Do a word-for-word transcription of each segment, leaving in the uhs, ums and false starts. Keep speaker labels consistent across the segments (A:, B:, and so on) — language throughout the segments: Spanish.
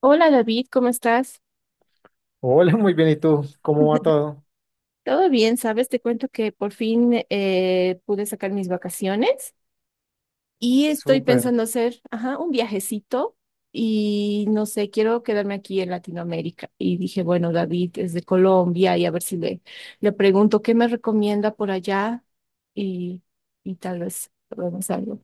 A: Hola David, ¿cómo estás?
B: Hola, muy bien. ¿Y tú? ¿Cómo va todo?
A: Todo bien, ¿sabes? Te cuento que por fin eh, pude sacar mis vacaciones y estoy
B: Súper.
A: pensando hacer, ajá, un viajecito y no sé, quiero quedarme aquí en Latinoamérica. Y dije, bueno, David es de Colombia y a ver si le, le pregunto qué me recomienda por allá y, y tal vez probemos algo.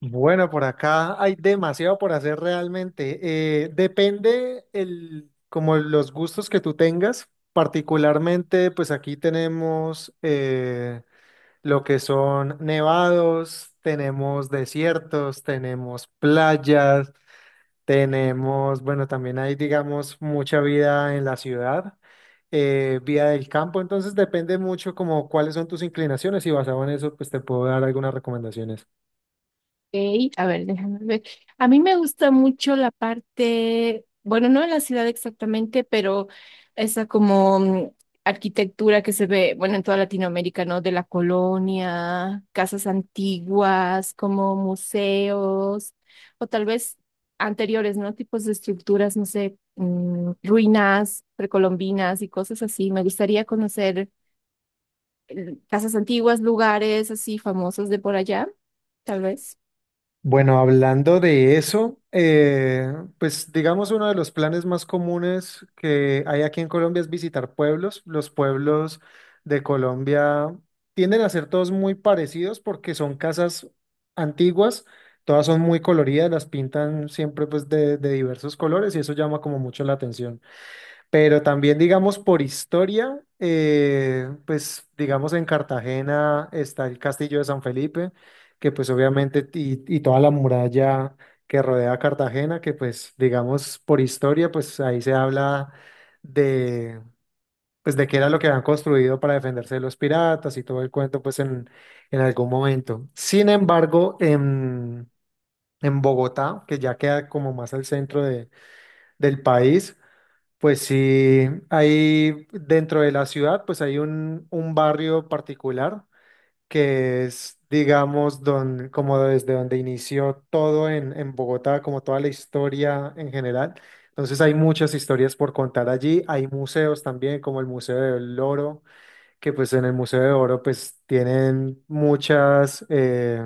B: Bueno, por acá hay demasiado por hacer realmente. Eh, depende el, como los gustos que tú tengas. Particularmente, pues aquí tenemos eh, lo que son nevados, tenemos desiertos, tenemos playas. Tenemos, bueno, también hay, digamos, mucha vida en la ciudad, eh, vida del campo, entonces depende mucho como cuáles son tus inclinaciones y basado en eso, pues te puedo dar algunas recomendaciones.
A: Ok, a ver, déjame ver. A mí me gusta mucho la parte, bueno, no en la ciudad exactamente, pero esa como mm, arquitectura que se ve, bueno, en toda Latinoamérica, ¿no? De la colonia, casas antiguas, como museos, o tal vez anteriores, ¿no? Tipos de estructuras, no sé, mm, ruinas precolombinas y cosas así. Me gustaría conocer eh, casas antiguas, lugares así famosos de por allá, tal vez.
B: Bueno, hablando de eso, eh, pues digamos uno de los planes más comunes que hay aquí en Colombia es visitar pueblos. Los pueblos de Colombia tienden a ser todos muy parecidos porque son casas antiguas, todas son muy coloridas, las pintan siempre pues de, de diversos colores y eso llama como mucho la atención. Pero también, digamos, por historia, eh, pues, digamos, en Cartagena está el Castillo de San Felipe, que pues obviamente, y, y toda la muralla que rodea a Cartagena, que pues, digamos, por historia, pues ahí se habla de, pues, de qué era lo que habían construido para defenderse de los piratas y todo el cuento, pues, en, en algún momento. Sin embargo, en, en Bogotá, que ya queda como más al centro de, del país, pues sí, hay dentro de la ciudad, pues hay un, un barrio particular que es, digamos, don, como desde donde inició todo en, en Bogotá, como toda la historia en general. Entonces hay muchas historias por contar allí. Hay museos también, como el Museo del Oro que pues en el Museo de Oro pues tienen muchas, eh,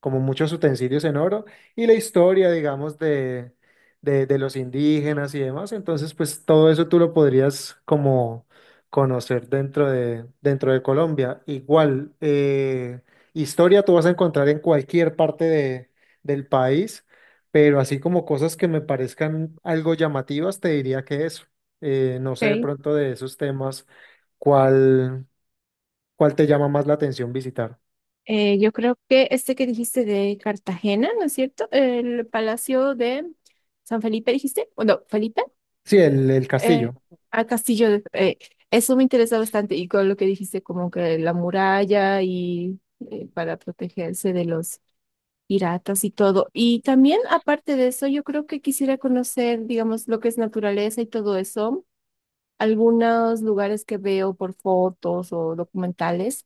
B: como muchos utensilios en oro y la historia, digamos, de, de, de los indígenas y demás. Entonces, pues todo eso tú lo podrías como conocer dentro de, dentro de Colombia. Igual, eh, historia tú vas a encontrar en cualquier parte de, del país, pero así como cosas que me parezcan algo llamativas, te diría que eso. Eh, no sé de
A: Ok.
B: pronto de esos temas. ¿Cuál? ¿Cuál te llama más la atención visitar?
A: Eh, yo creo que este que dijiste de Cartagena, ¿no es cierto? El Palacio de San Felipe, dijiste. O no, Felipe,
B: Sí, el, el
A: eh,
B: castillo.
A: a Castillo de- eh, eso me interesa bastante. Y con lo que dijiste, como que la muralla y eh, para protegerse de los piratas y todo. Y también, aparte de eso, yo creo que quisiera conocer, digamos, lo que es naturaleza y todo eso. Algunos lugares que veo por fotos o documentales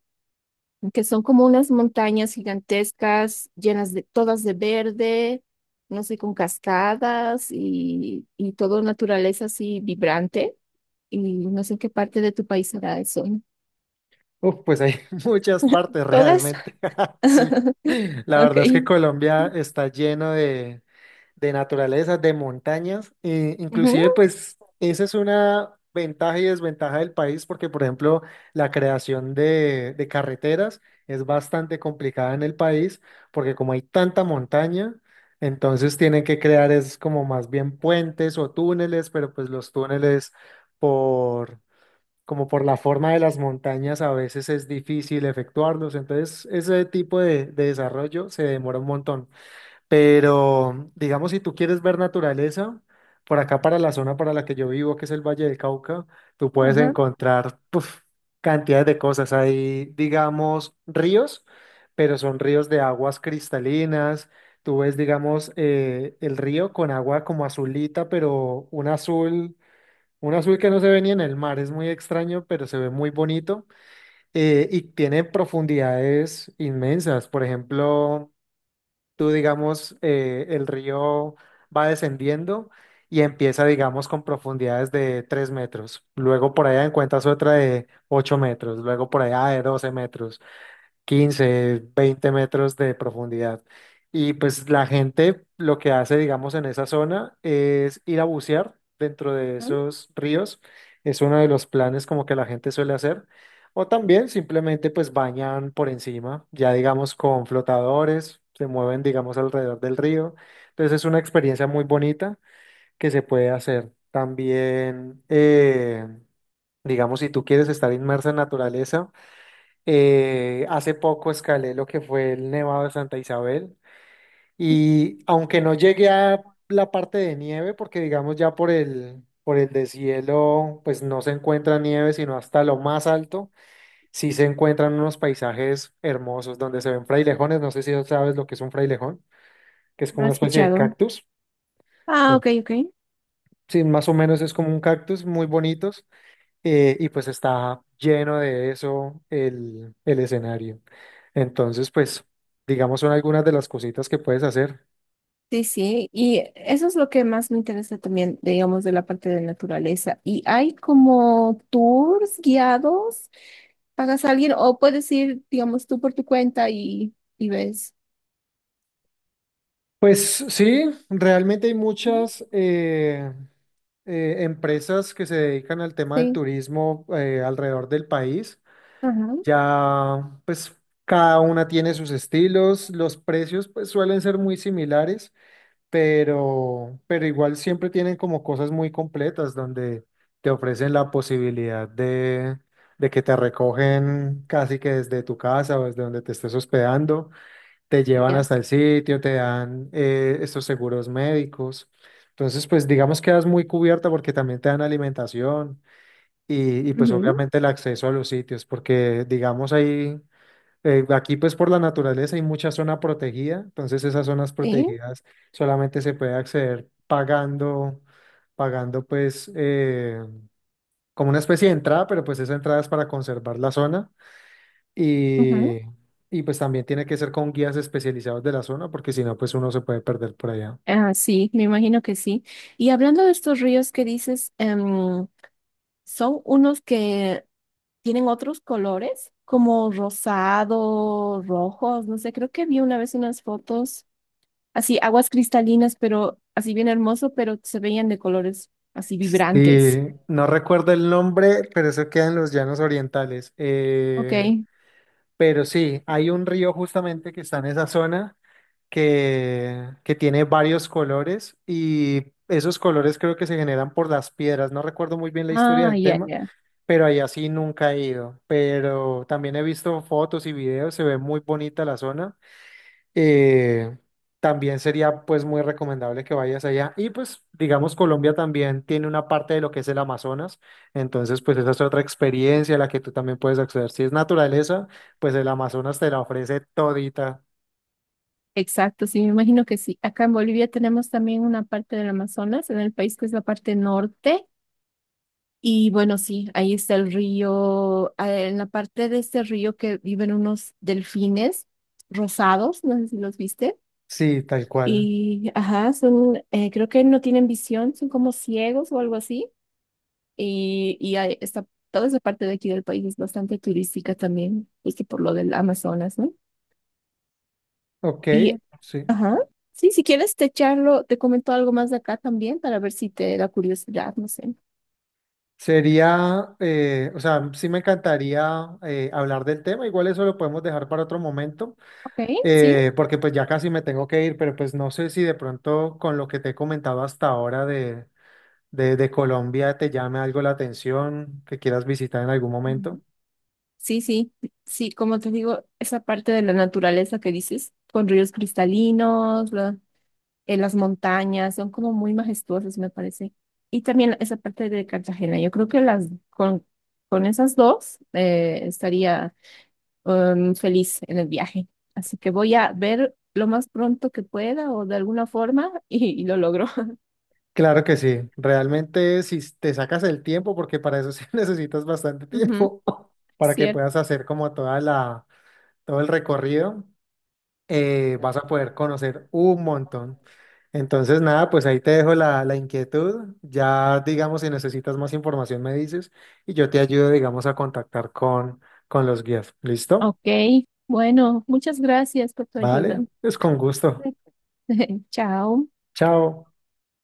A: que son como unas montañas gigantescas, llenas de todas de verde, no sé, con cascadas y, y todo naturaleza así vibrante. Y no sé en qué parte de tu país será eso.
B: Uf, pues hay muchas partes
A: ¿Todas?
B: realmente. Sí, la
A: Ok.
B: verdad es que Colombia está lleno de, de naturaleza, de montañas. Eh, inclusive,
A: Ujú.
B: pues, esa es una ventaja y desventaja del país porque, por ejemplo, la creación de, de carreteras es bastante complicada en el país porque como hay tanta montaña, entonces tienen que crear es como más bien puentes o túneles, pero pues los túneles por... como por la forma de las montañas a veces es difícil efectuarlos, entonces ese tipo de de desarrollo se demora un montón. Pero, digamos, si tú quieres ver naturaleza, por acá para la zona para la que yo vivo, que es el Valle del Cauca, tú puedes
A: Ajá,
B: encontrar puf, cantidades de cosas. Hay, digamos, ríos, pero son ríos de aguas cristalinas. Tú ves, digamos, eh, el río con agua como azulita, pero un azul, un azul que no se ve ni en el mar. Es muy extraño, pero se ve muy bonito. Eh, y tiene profundidades inmensas. Por ejemplo tú, digamos, eh, el río va descendiendo y empieza, digamos, con profundidades de tres metros. Luego por allá encuentras otra de ocho metros, luego por allá de doce metros, quince, veinte metros de profundidad. Y pues la gente lo que hace, digamos, en esa zona es ir a bucear dentro de
A: ajá,
B: esos ríos. Es uno de los planes como que la gente suele hacer. O también simplemente pues bañan por encima, ya digamos con flotadores, se mueven digamos alrededor del río. Entonces es una experiencia muy bonita que se puede hacer. También, eh, digamos, si tú quieres estar inmersa en naturaleza, eh, hace poco escalé lo que fue el Nevado de Santa Isabel y aunque no llegué a la parte de nieve, porque digamos ya por el, por el deshielo, pues no se encuentra nieve, sino hasta lo más alto, sí se encuentran unos paisajes hermosos donde se ven frailejones, no sé si sabes lo que es un frailejón, que es
A: no
B: como
A: he
B: una especie de
A: escuchado.
B: cactus.
A: Ah,
B: Bueno.
A: ok, ok.
B: Sí, más o menos es como un cactus, muy bonitos. Eh, y pues está lleno de eso el, el escenario. Entonces, pues, digamos, son algunas de las cositas que puedes hacer.
A: Sí, sí, y eso es lo que más me interesa también, digamos, de la parte de naturaleza. ¿Y hay como tours guiados pagas a alguien o puedes ir, digamos, tú por tu cuenta y, y ves.
B: Pues sí, realmente hay muchas eh, eh, empresas que se dedican al tema del
A: Sí,
B: turismo eh, alrededor del país.
A: ajá,
B: Ya, pues, cada una tiene sus estilos, los precios, pues, suelen ser muy similares. pero, pero igual siempre tienen como cosas muy completas donde te ofrecen la posibilidad de, de que te recogen casi que desde tu casa o desde donde te estés hospedando, te llevan
A: ya.
B: hasta el sitio, te dan eh, estos seguros médicos. Entonces, pues digamos que quedas muy cubierta porque también te dan alimentación y, y pues
A: Ujú,
B: obviamente el acceso a los sitios, porque digamos ahí eh, aquí pues por la naturaleza hay mucha zona protegida, entonces esas zonas
A: sí,
B: protegidas solamente se puede acceder pagando, pagando pues eh, como una especie de entrada, pero pues esa entrada es para conservar la zona
A: ujú.
B: y, y pues también tiene que ser con guías especializados de la zona porque si no pues uno se puede perder por allá.
A: Ah, sí, me imagino que sí. Y hablando de estos ríos que dices, em, son unos que tienen otros colores, como rosado, rojos, no sé, creo que vi una vez unas fotos, así aguas cristalinas, pero así bien hermoso, pero se veían de colores así vibrantes.
B: Sí, no recuerdo el nombre, pero eso queda en los llanos orientales. Eh,
A: Ok.
B: Pero sí, hay un río justamente que está en esa zona que, que tiene varios colores y esos colores creo que se generan por las piedras. No recuerdo muy bien la historia
A: Ah,
B: del
A: ya,
B: tema,
A: ya.
B: pero allá sí nunca he ido. Pero también he visto fotos y videos, se ve muy bonita la zona eh, también sería pues muy recomendable que vayas allá. Y pues digamos Colombia también tiene una parte de lo que es el Amazonas, entonces pues esa es otra experiencia a la que tú también puedes acceder. Si es naturaleza, pues el Amazonas te la ofrece todita.
A: Exacto, sí, me imagino que sí. Acá en Bolivia tenemos también una parte del Amazonas, en el país que es la parte norte. Y bueno, sí, ahí está el río, eh, en la parte de este río que viven unos delfines rosados, no sé si los viste.
B: Sí, tal cual.
A: Y, ajá, son, eh, creo que no tienen visión, son como ciegos o algo así. Y, y ahí está, toda esa parte de aquí del país es bastante turística también, justo por lo del Amazonas, ¿no?
B: Ok,
A: Y,
B: sí.
A: ajá, sí, si quieres te charlo, te comento algo más de acá también para ver si te da curiosidad, no sé.
B: Sería, eh, o sea, sí me encantaría eh, hablar del tema, igual eso lo podemos dejar para otro momento,
A: Ok, sí.
B: eh, porque pues ya casi me tengo que ir, pero pues no sé si de pronto con lo que te he comentado hasta ahora de, de, de Colombia te llame algo la atención, ¿que quieras visitar en algún momento?
A: Ujú. Sí, sí, sí, como te digo, esa parte de la naturaleza que dices, con ríos cristalinos, la- eh, las montañas, son como muy majestuosas, me parece. Y también esa parte de Cartagena, yo creo que las con, con esas dos eh, estaría em, feliz en el viaje. Así que voy a ver lo más pronto que pueda o de alguna forma y, y lo logro.
B: Claro que sí, realmente si te sacas el tiempo, porque para eso sí necesitas bastante
A: Ujú,
B: tiempo, para que
A: cierto.
B: puedas hacer como toda la, todo el recorrido, eh, vas a poder conocer un montón. Entonces, nada, pues ahí te dejo la, la inquietud. Ya, digamos, si necesitas más información, me dices y yo te ayudo, digamos, a contactar con, con los guías. ¿Listo?
A: Ok, bueno, muchas gracias por tu ayuda.
B: Vale, pues con gusto.
A: Chao.
B: Chao.